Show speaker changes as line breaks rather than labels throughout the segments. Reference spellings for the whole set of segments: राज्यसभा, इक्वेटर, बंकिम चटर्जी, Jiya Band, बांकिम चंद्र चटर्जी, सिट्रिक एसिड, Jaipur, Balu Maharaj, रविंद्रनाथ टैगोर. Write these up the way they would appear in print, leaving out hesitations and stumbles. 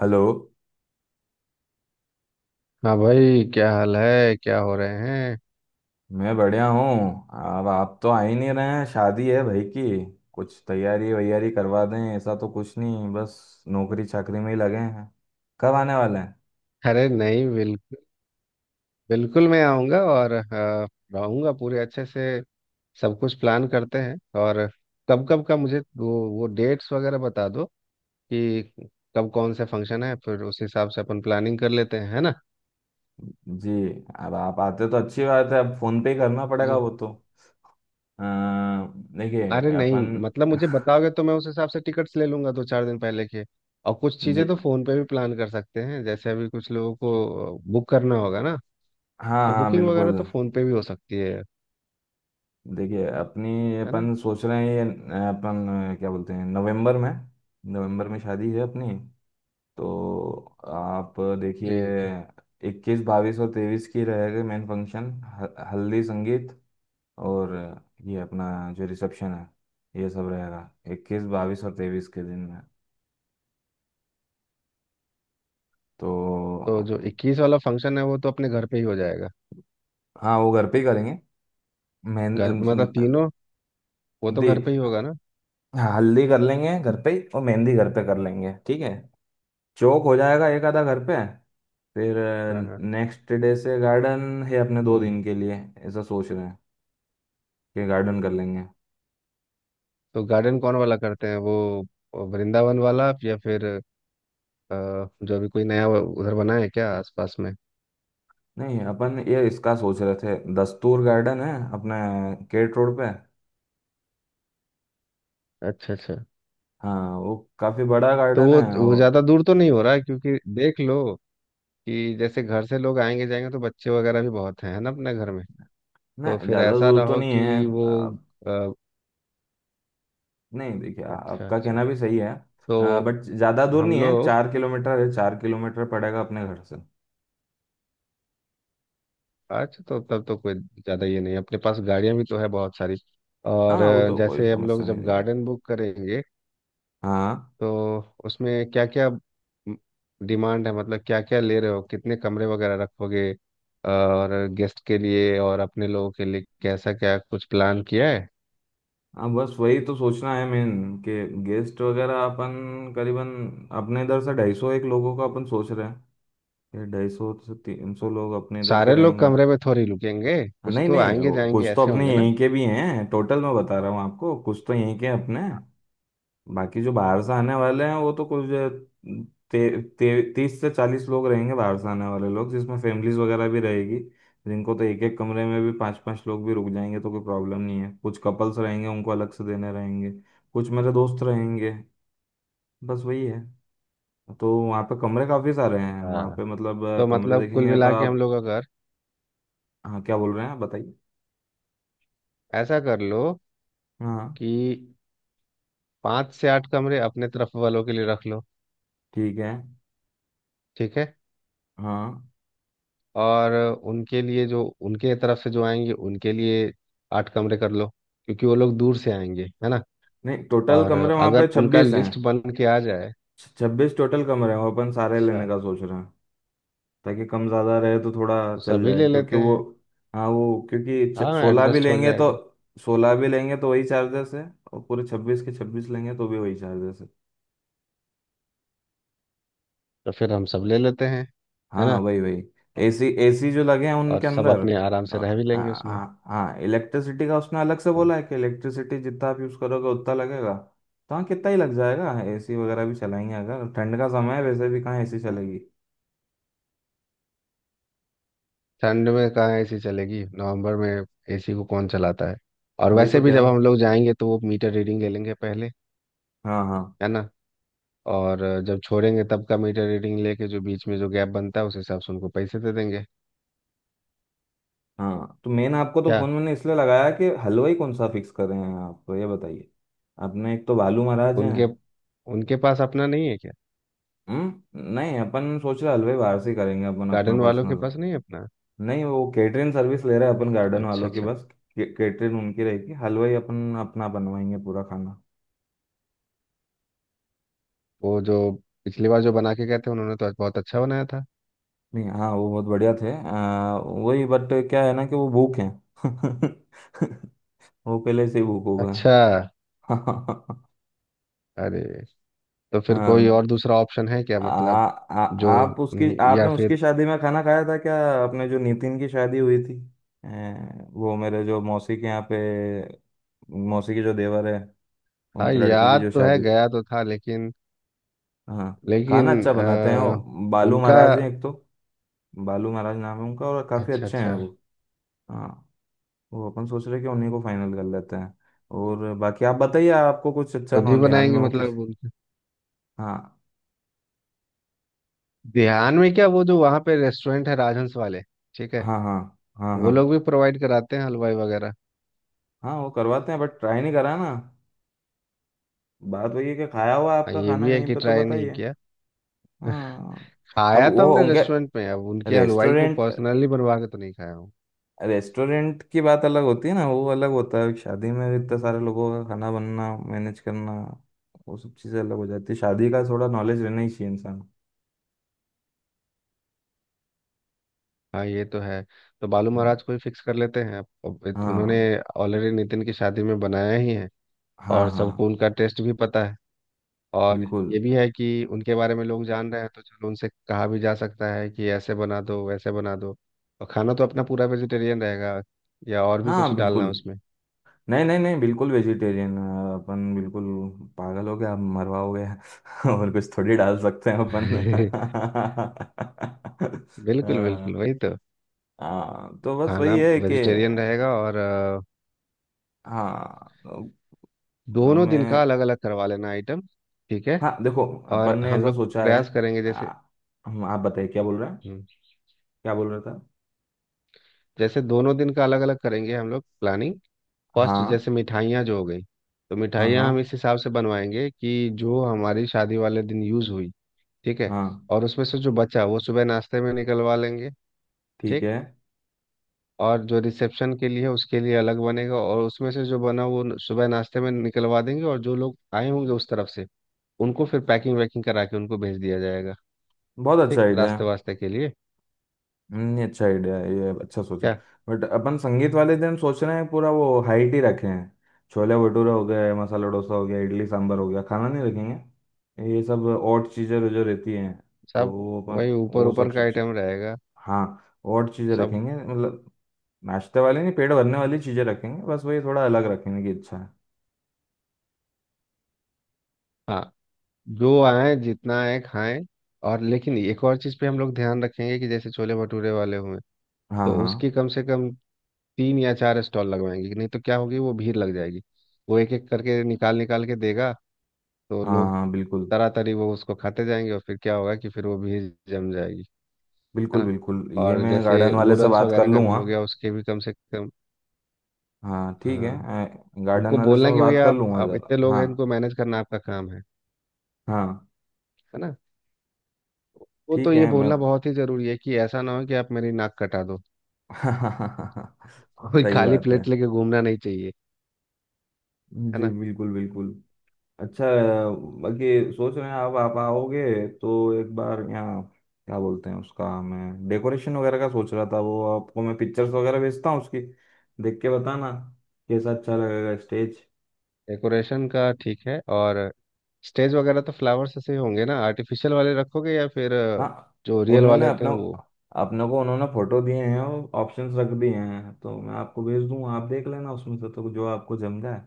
Hello.
हाँ भाई, क्या हाल है? क्या हो रहे हैं?
मैं बढ़िया हूँ। अब आप तो आ ही नहीं रहे हैं, शादी है भाई की। कुछ तैयारी वैयारी करवा दें, ऐसा तो कुछ नहीं, बस नौकरी चाकरी में ही लगे हैं। कब आने वाले हैं?
अरे नहीं, बिल्कुल बिल्कुल मैं आऊँगा और रहूँगा पूरे अच्छे से। सब कुछ प्लान करते हैं। और कब कब का मुझे वो डेट्स वगैरह बता दो कि कब कौन सा फंक्शन है, फिर उस हिसाब से अपन प्लानिंग कर लेते हैं, है ना।
जी। अब आप आते तो अच्छी बात है, अब फोन पे ही करना पड़ेगा
मुझे
वो तो। अ,
अरे
देखिए
नहीं,
अपन।
मतलब मुझे बताओगे तो मैं उस हिसाब से टिकट्स ले लूँगा दो चार दिन पहले के। और कुछ चीज़ें
जी।
तो फ़ोन पे भी प्लान कर सकते हैं, जैसे अभी कुछ लोगों को बुक करना होगा ना।
हाँ
तो
हाँ
बुकिंग वगैरह तो
बिल्कुल।
फ़ोन पे भी हो सकती है
देखिए अपनी,
है ना।
अपन सोच रहे हैं ये अपन क्या बोलते हैं, नवंबर में। नवंबर में शादी है अपनी। तो आप
जी।
देखिए, 21, 22 और 23 की रहेगा मेन फंक्शन। हल्दी संगीत, और ये अपना जो रिसेप्शन है, ये सब रहेगा 21, 22 और 23 के दिन में। तो
तो जो 21 वाला फंक्शन है वो तो अपने घर पे ही हो जाएगा।
हाँ, वो घर पे ही करेंगे,
घर मतलब
मेहंदी।
तीनों, वो तो घर पे ही होगा ना।
हाँ हल्दी कर लेंगे घर पे ही, और मेहंदी घर पे कर लेंगे, ठीक है। चौक हो जाएगा एक आधा घर पे, फिर
हाँ हाँ।
नेक्स्ट डे से गार्डन है अपने दो
हम्म।
दिन के लिए। ऐसा सोच रहे हैं कि गार्डन कर लेंगे।
तो गार्डन कौन वाला करते हैं वो, वृंदावन वाला या फिर अ, जो भी कोई नया वो उधर बना है क्या आसपास में?
नहीं अपन ये इसका सोच रहे थे, दस्तूर गार्डन है अपने केट रोड पे।
अच्छा अच्छा।
हाँ वो काफी बड़ा
तो
गार्डन
वो
है।
वो
और
ज़्यादा दूर तो नहीं हो रहा है? क्योंकि देख लो कि जैसे घर से लोग आएंगे जाएंगे, तो बच्चे वगैरह भी बहुत हैं, है ना, अपने घर में।
ना,
तो फिर
ज्यादा
ऐसा ना
दूर तो
हो
नहीं है।
कि वो
आ,
अ,
नहीं देखिए,
अच्छा
आपका
अच्छा।
कहना भी सही है।
तो
बट ज्यादा दूर
हम
नहीं है,
लोग।
4 किलोमीटर है, चार किलोमीटर पड़ेगा अपने घर से।
अच्छा तो तब तो कोई ज़्यादा ये नहीं है। अपने पास गाड़ियाँ भी तो है बहुत सारी। और
हाँ वो तो कोई
जैसे हम लोग
समस्या नहीं
जब
रहेगी।
गार्डन बुक करेंगे,
हाँ।
तो उसमें क्या क्या डिमांड है, मतलब क्या क्या ले रहे हो, कितने कमरे वगैरह रखोगे, और गेस्ट के लिए और अपने लोगों के लिए कैसा क्या कुछ प्लान किया है?
हाँ बस वही तो सोचना है मेन, कि गेस्ट वगैरह अपन करीबन अपने इधर से 250 एक लोगों का अपन सोच रहे हैं। 250 से 300 लोग अपने इधर के
सारे लोग
रहेंगे।
कमरे में थोड़ी रुकेंगे।
हाँ,
कुछ
नहीं
तो
नहीं,
आएंगे
वो कुछ
जाएंगे
तो
ऐसे
अपने
होंगे ना।
यहीं के भी हैं, टोटल मैं बता रहा हूँ आपको, कुछ तो यहीं के हैं अपने। बाकी जो बाहर से आने वाले हैं, वो तो कुछ ते, ते, 30 से 40 लोग रहेंगे बाहर से आने वाले लोग, जिसमें फैमिलीज वगैरह भी रहेगी। जिनको तो एक एक कमरे में भी पांच पांच लोग भी रुक जाएंगे तो कोई प्रॉब्लम नहीं है। कुछ कपल्स रहेंगे, उनको अलग से देने रहेंगे। कुछ मेरे दोस्त रहेंगे, बस वही है। तो वहाँ पे कमरे काफ़ी सारे हैं वहाँ
हाँ,
पे, मतलब
तो
कमरे
मतलब कुल
देखेंगे तो
मिला के हम
आप।
लोग अगर
हाँ क्या बोल रहे हैं आप बताइए।
ऐसा कर लो
हाँ।
कि 5 से 8 कमरे अपने तरफ वालों के लिए रख लो।
ठीक है।
ठीक है।
हाँ।
और उनके लिए, जो उनके तरफ से जो आएंगे उनके लिए, 8 कमरे कर लो, क्योंकि वो लोग दूर से आएंगे, है ना।
नहीं टोटल
और
कमरे वहाँ पे
अगर उनका
26 हैं।
लिस्ट बन के आ जाए।
छब्बीस टोटल कमरे हैं, वो अपन सारे
अच्छा।
लेने का सोच रहे हैं, ताकि कम ज़्यादा रहे तो थोड़ा
तो
चल
सभी
जाए,
ले
क्योंकि
लेते
वो।
हैं।
हाँ वो क्योंकि
हाँ, एडजस्ट हो जाएगा।
16 भी लेंगे तो वही चार्जेस है, और पूरे 26 के 26 लेंगे तो भी वही चार्जेस है।
तो फिर हम सब ले लेते हैं, है
हाँ हाँ,
ना।
वही वही। एसी एसी जो लगे हैं
और
उनके
सब
अंदर।
अपने आराम
अ,
से रह भी लेंगे
हाँ
उसमें।
हाँ हाँ, इलेक्ट्रिसिटी का उसने अलग से
हाँ।
बोला है कि इलेक्ट्रिसिटी जितना आप यूज़ करोगे उतना लगेगा। तो हाँ कितना ही लग जाएगा, एसी वगैरह भी चलाएंगे अगर। ठंड का समय है, वैसे भी कहाँ एसी चलेगी।
ठंड में कहाँ एसी चलेगी नवंबर में? एसी को कौन चलाता है? और
वही तो
वैसे भी
क्या।
जब हम लोग जाएंगे तो वो मीटर रीडिंग ले लेंगे पहले,
हाँ हाँ।
है ना। और जब छोड़ेंगे तब का मीटर रीडिंग लेके, जो बीच में जो गैप बनता है, उस हिसाब से उनको पैसे दे देंगे।
हाँ तो मेन आपको तो
क्या?
फोन मैंने इसलिए लगाया कि हलवाई कौन सा फिक्स कर रहे हैं आप, तो ये बताइए। अपने एक तो बालू महाराज हैं।
उनके उनके पास अपना नहीं है क्या?
हम्म। नहीं अपन सोच रहे हलवाई बाहर से ही करेंगे अपन अपना
गार्डन वालों के
पर्सनल।
पास नहीं है अपना?
नहीं वो केटरिंग सर्विस ले रहे हैं अपन गार्डन
अच्छा
वालों की
अच्छा।
बस। केटरिंग उनकी रहेगी, हलवाई अपन अपना बनवाएंगे पूरा खाना।
वो जो पिछली बार जो बना के गए थे, उन्होंने तो बहुत अच्छा बनाया था।
नहीं हाँ वो बहुत बढ़िया थे। वही, बट क्या है ना कि वो भूख हैं। वो पहले से ही भूख
अच्छा।
होगा।
अरे तो फिर कोई
हाँ।
और दूसरा ऑप्शन है क्या
आ,
मतलब?
आ,
जो
आप उसकी,
या
आपने उसकी
फिर।
शादी में खाना खाया था क्या, अपने जो नितिन की शादी हुई थी? वो मेरे जो मौसी के यहाँ पे, मौसी के जो देवर है,
हाँ
उनकी लड़की की
याद
जो
तो है,
शादी थी।
गया तो था लेकिन,
हाँ
लेकिन
खाना अच्छा बनाते हैं वो। बालू
उनका।
महाराज हैं एक तो, बालू महाराज नाम है उनका, और काफ़ी
अच्छा
अच्छे हैं
अच्छा।
वो। हाँ। वो अपन सोच रहे कि उन्हीं को फाइनल कर लेते हैं, और बाकी आप बताइए, आपको कुछ अच्छा
खुद ही
ना ध्यान
बनाएंगे
में हो किसी।
मतलब?
हाँ
ध्यान में क्या वो जो वहाँ पे रेस्टोरेंट है राजहंस वाले? ठीक है।
हाँ। हाँ हाँ।
वो
हाँ
लोग भी प्रोवाइड कराते हैं हलवाई वगैरह।
हाँ। वो करवाते हैं बट ट्राई नहीं करा ना। बात वही है कि खाया हुआ
हाँ,
आपका
ये
खाना
भी है
कहीं
कि
पे, तो
ट्राई नहीं
बताइए।
किया।
हाँ। अब
खाया तो
वो
हमने
उनके
रेस्टोरेंट में, अब उनके हलवाई को
रेस्टोरेंट
पर्सनली बनवा के तो नहीं खाया हूँ।
रेस्टोरेंट की बात अलग होती है ना, वो अलग होता है। शादी में इतने सारे लोगों का खाना बनना, मैनेज करना, वो सब चीज़ें अलग हो जाती है। शादी का थोड़ा नॉलेज रहना ही चाहिए इंसान।
हाँ ये तो है। तो बालू
हम्म,
महाराज को ही फिक्स कर लेते हैं। उन्होंने
हाँ
ऑलरेडी नितिन की शादी में बनाया ही है।
हाँ।
और
हाँ
सबको उनका टेस्ट भी पता है। और
बिल्कुल।
ये भी है कि उनके बारे में लोग जान रहे हैं, तो चलो उनसे कहा भी जा सकता है कि ऐसे बना दो वैसे बना दो। और खाना तो अपना पूरा वेजिटेरियन रहेगा। या और भी
हाँ
कुछ डालना है
बिल्कुल।
उसमें?
नहीं नहीं नहीं बिल्कुल वेजिटेरियन। अपन बिल्कुल पागल हो गया, आप मरवाओगे? और कुछ थोड़ी डाल सकते हैं अपन।
बिल्कुल बिल्कुल
हाँ।
वही तो।
हाँ तो बस
खाना
वही है कि
वेजिटेरियन रहेगा और
हाँ, तो
दोनों दिन का
हमें।
अलग अलग करवा लेना आइटम। ठीक है।
हाँ देखो अपन
और
ने
हम
ऐसा
लोग
सोचा है,
प्रयास करेंगे जैसे।
आ, हम, आप बताइए क्या बोल रहे हैं,
हम्म,
क्या बोल रहे था।
जैसे दोनों दिन का अलग अलग करेंगे हम लोग प्लानिंग। फर्स्ट
हाँ।
जैसे मिठाइयाँ जो हो गई, तो
हाँ हाँ।
मिठाइयाँ हम इस हिसाब से बनवाएंगे कि जो हमारी शादी वाले दिन यूज़ हुई। ठीक है।
हाँ
और उसमें से जो बचा वो सुबह नाश्ते में निकलवा लेंगे।
ठीक है।
ठीक। और जो रिसेप्शन के लिए है, उसके लिए अलग बनेगा, और उसमें से जो बना वो सुबह नाश्ते में निकलवा देंगे, और जो लोग आए होंगे उस तरफ से, उनको फिर पैकिंग वैकिंग करा के उनको भेज दिया जाएगा।
बहुत अच्छा
ठीक,
आइडिया है।
रास्ते वास्ते के लिए।
नहीं अच्छा आइडिया है ये, अच्छा सोचा।
क्या?
बट अपन संगीत वाले दिन सोच रहे हैं पूरा वो हाइट ही रखे हैं। छोले भटूरे हो गए, मसाला डोसा हो गया, इडली सांभर हो गया, खाना नहीं रखेंगे, ये सब और चीज़ें जो रहती हैं। तो
सब
वो अपन,
वही ऊपर
वो
ऊपर
सब,
का आइटम रहेगा।
हाँ, और चीज़ें
सब।
रखेंगे मतलब नाश्ते वाले, नहीं पेट भरने वाली चीज़ें रखेंगे, बस वही थोड़ा अलग रखेंगे, कि अच्छा है।
हाँ, जो आए जितना आए खाएं। और लेकिन एक और चीज़ पे हम लोग ध्यान रखेंगे कि जैसे छोले भटूरे वाले हुए,
हाँ
तो
हाँ।
उसकी कम से कम 3 या 4 स्टॉल लगवाएंगे, नहीं तो क्या होगी वो भीड़ लग जाएगी। वो एक एक करके निकाल निकाल के देगा, तो
हाँ
लोग
हाँ बिल्कुल
तरातरी वो उसको खाते जाएंगे, और फिर क्या होगा कि फिर वो भीड़ जम जाएगी, है
बिल्कुल
ना।
बिल्कुल। ये
और
मैं गार्डन
जैसे
वाले से
नूडल्स
बात कर
वगैरह का भी
लूँगा।
हो गया उसके भी कम से कम।
हाँ ठीक है।
हाँ, उनको
गार्डन वाले से
बोलना
मैं
कि
बात
भैया
कर
आप
लूँगा
आप
ज़रा,
इतने लोग
हाँ।
हैं, इनको मैनेज करना आपका काम है
हाँ
है ना। वो तो
ठीक
ये
है मैं।
बोलना बहुत ही जरूरी है कि ऐसा ना हो कि आप मेरी नाक कटा दो। कोई
सही
खाली
बात है।
प्लेट लेके घूमना नहीं चाहिए, है
जी
ना।
बिल्कुल बिल्कुल। अच्छा, बाकी सोच रहे हैं अब आप आओगे तो एक बार यहाँ, क्या बोलते हैं, उसका मैं डेकोरेशन वगैरह का सोच रहा था, वो आपको मैं पिक्चर्स वगैरह भेजता हूँ उसकी, देख के बताना कैसा अच्छा लगेगा स्टेज।
डेकोरेशन का ठीक है। और स्टेज वगैरह तो फ्लावर्स ऐसे ही होंगे ना, आर्टिफिशियल वाले रखोगे या फिर
हाँ
जो रियल वाले
उन्होंने
होते
अपना,
हैं वो?
अपने को उन्होंने फोटो दिए हैं और ऑप्शंस रख दिए हैं, तो मैं आपको भेज दूंगा, आप देख लेना उसमें से, तो जो आपको जम जाए,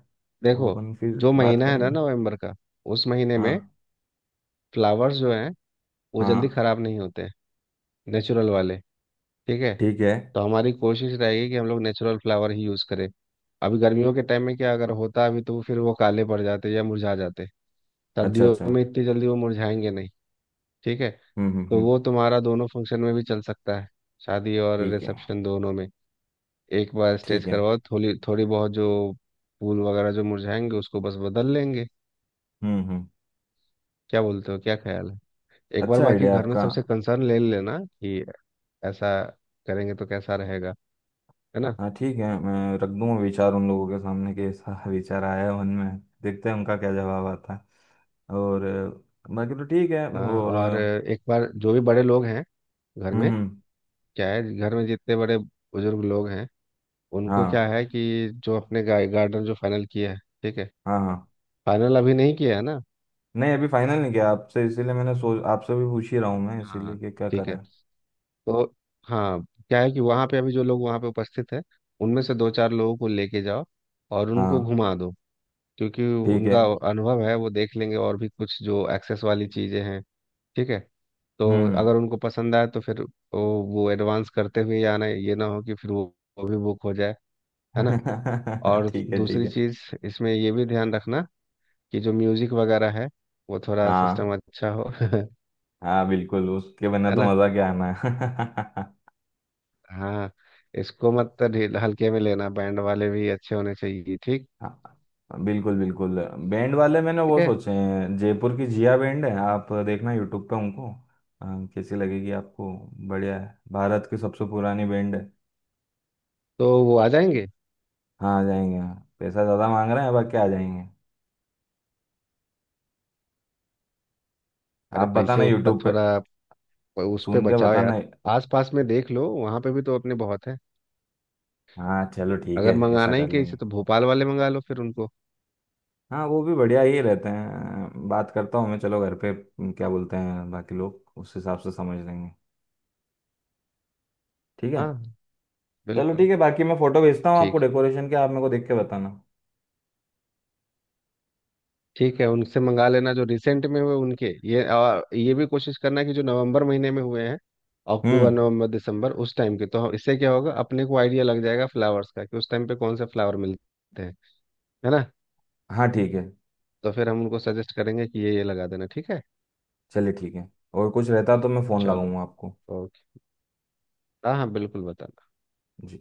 वो
देखो,
अपन फिर
जो
बात
महीना है ना
करेंगे।
नवंबर का, उस महीने में
हाँ
फ्लावर्स जो हैं वो जल्दी
हाँ
खराब नहीं होते हैं, नेचुरल वाले। ठीक है।
ठीक है।
तो हमारी कोशिश रहेगी कि हम लोग नेचुरल फ्लावर ही यूज़ करें। अभी गर्मियों के टाइम में क्या अगर होता अभी, तो फिर वो काले पड़ जाते या मुरझा जाते।
अच्छा
सर्दियों
अच्छा।
में इतनी जल्दी वो मुरझाएंगे नहीं। ठीक है। तो
हम्म।
वो तुम्हारा दोनों फंक्शन में भी चल सकता है, शादी और
ठीक है
रिसेप्शन दोनों में। एक बार स्टेच
ठीक है।
करवाओ, थोड़ी थोड़ी बहुत जो फूल वगैरह जो मुरझाएंगे उसको बस बदल लेंगे।
हम्म।
क्या बोलते हो, क्या ख्याल है? एक बार
अच्छा
बाकी
आइडिया
घर में
आपका।
सबसे कंसर्न ले लेना कि ऐसा करेंगे तो कैसा रहेगा, है ना।
हाँ ठीक है, मैं रख दूंगा विचार उन लोगों के सामने कि ऐसा विचार आया है मन में। देखते हैं उनका क्या जवाब आता है, और बाकी तो ठीक है।
हाँ,
और
और एक बार जो भी बड़े लोग हैं घर में,
हम्म हम्म,
क्या है घर में जितने बड़े बुजुर्ग लोग हैं, उनको
हाँ
क्या है कि जो अपने गार्डन जो फाइनल किया है, ठीक है,
हाँ हाँ।
फाइनल अभी नहीं किया है ना।
नहीं अभी फाइनल नहीं किया आपसे, इसीलिए मैंने सोच आपसे भी पूछ ही रहा हूँ मैं, इसीलिए
हाँ,
कि क्या
ठीक है।
करें।
तो हाँ, क्या है कि वहाँ पे अभी जो लोग वहाँ पे उपस्थित हैं, उनमें से दो चार लोगों को लेके जाओ और
हाँ
उनको घुमा दो, क्योंकि
ठीक है।
उनका अनुभव है, वो देख लेंगे और भी कुछ जो एक्सेस वाली चीज़ें हैं। ठीक है। तो
हम्म।
अगर उनको पसंद आए तो फिर वो एडवांस करते हुए ही आना है, ये ना हो कि फिर वो भी बुक हो जाए, है ना। और
ठीक है ठीक
दूसरी
है।
चीज़, इसमें ये भी ध्यान रखना कि जो म्यूज़िक वगैरह है, वो थोड़ा
हाँ
सिस्टम अच्छा हो, है
हाँ बिल्कुल, उसके बिना तो
ना।
मज़ा क्या आना है।
हाँ, इसको मत हल्के में लेना, बैंड वाले भी अच्छे होने चाहिए, ठीक।
हाँ बिल्कुल बिल्कुल। बैंड वाले मैंने
ठीक
वो
है।
सोचे हैं, जयपुर की जिया बैंड है, आप देखना यूट्यूब पे उनको। अ, कैसी लगेगी आपको? बढ़िया है, भारत की सबसे पुरानी बैंड है।
तो वो आ जाएंगे?
हाँ आ जाएंगे हाँ। पैसा ज़्यादा मांग रहे हैं बाकी आ जाएंगे।
अरे
आप
पैसे
बताना
उतना
यूट्यूब पे,
थोड़ा उस पे
सुन के
बचाओ
बताना।
यार। आस पास में देख लो, वहाँ पे भी तो अपने बहुत हैं।
हाँ चलो ठीक है,
अगर
ऐसा
मंगाना ही
कर
कहीं
लेंगे।
से तो भोपाल वाले मंगा लो फिर उनको।
हाँ वो भी बढ़िया ही रहते हैं, बात करता हूँ मैं चलो घर पे। क्या बोलते हैं बाकी लोग, उस हिसाब से समझ लेंगे। ठीक है।
हाँ
चलो
बिल्कुल।
ठीक है, बाकी मैं फोटो भेजता हूँ आपको
ठीक।
डेकोरेशन के, आप मेरे को देख के बताना।
ठीक है, उनसे मंगा लेना जो रिसेंट में हुए उनके, ये, और ये भी कोशिश करना कि जो नवंबर महीने में हुए हैं, अक्टूबर
हम्म।
नवंबर दिसंबर उस टाइम के, तो इससे क्या होगा अपने को आइडिया लग जाएगा फ्लावर्स का कि उस टाइम पे कौन से फ्लावर मिलते हैं, है ना।
हाँ ठीक है।
तो फिर हम उनको सजेस्ट करेंगे कि ये लगा देना, ठीक है।
चलिए ठीक है, और कुछ रहता तो मैं फ़ोन
चलो।
लगाऊंगा आपको।
ओके। हाँ हाँ बिल्कुल बता।
जी।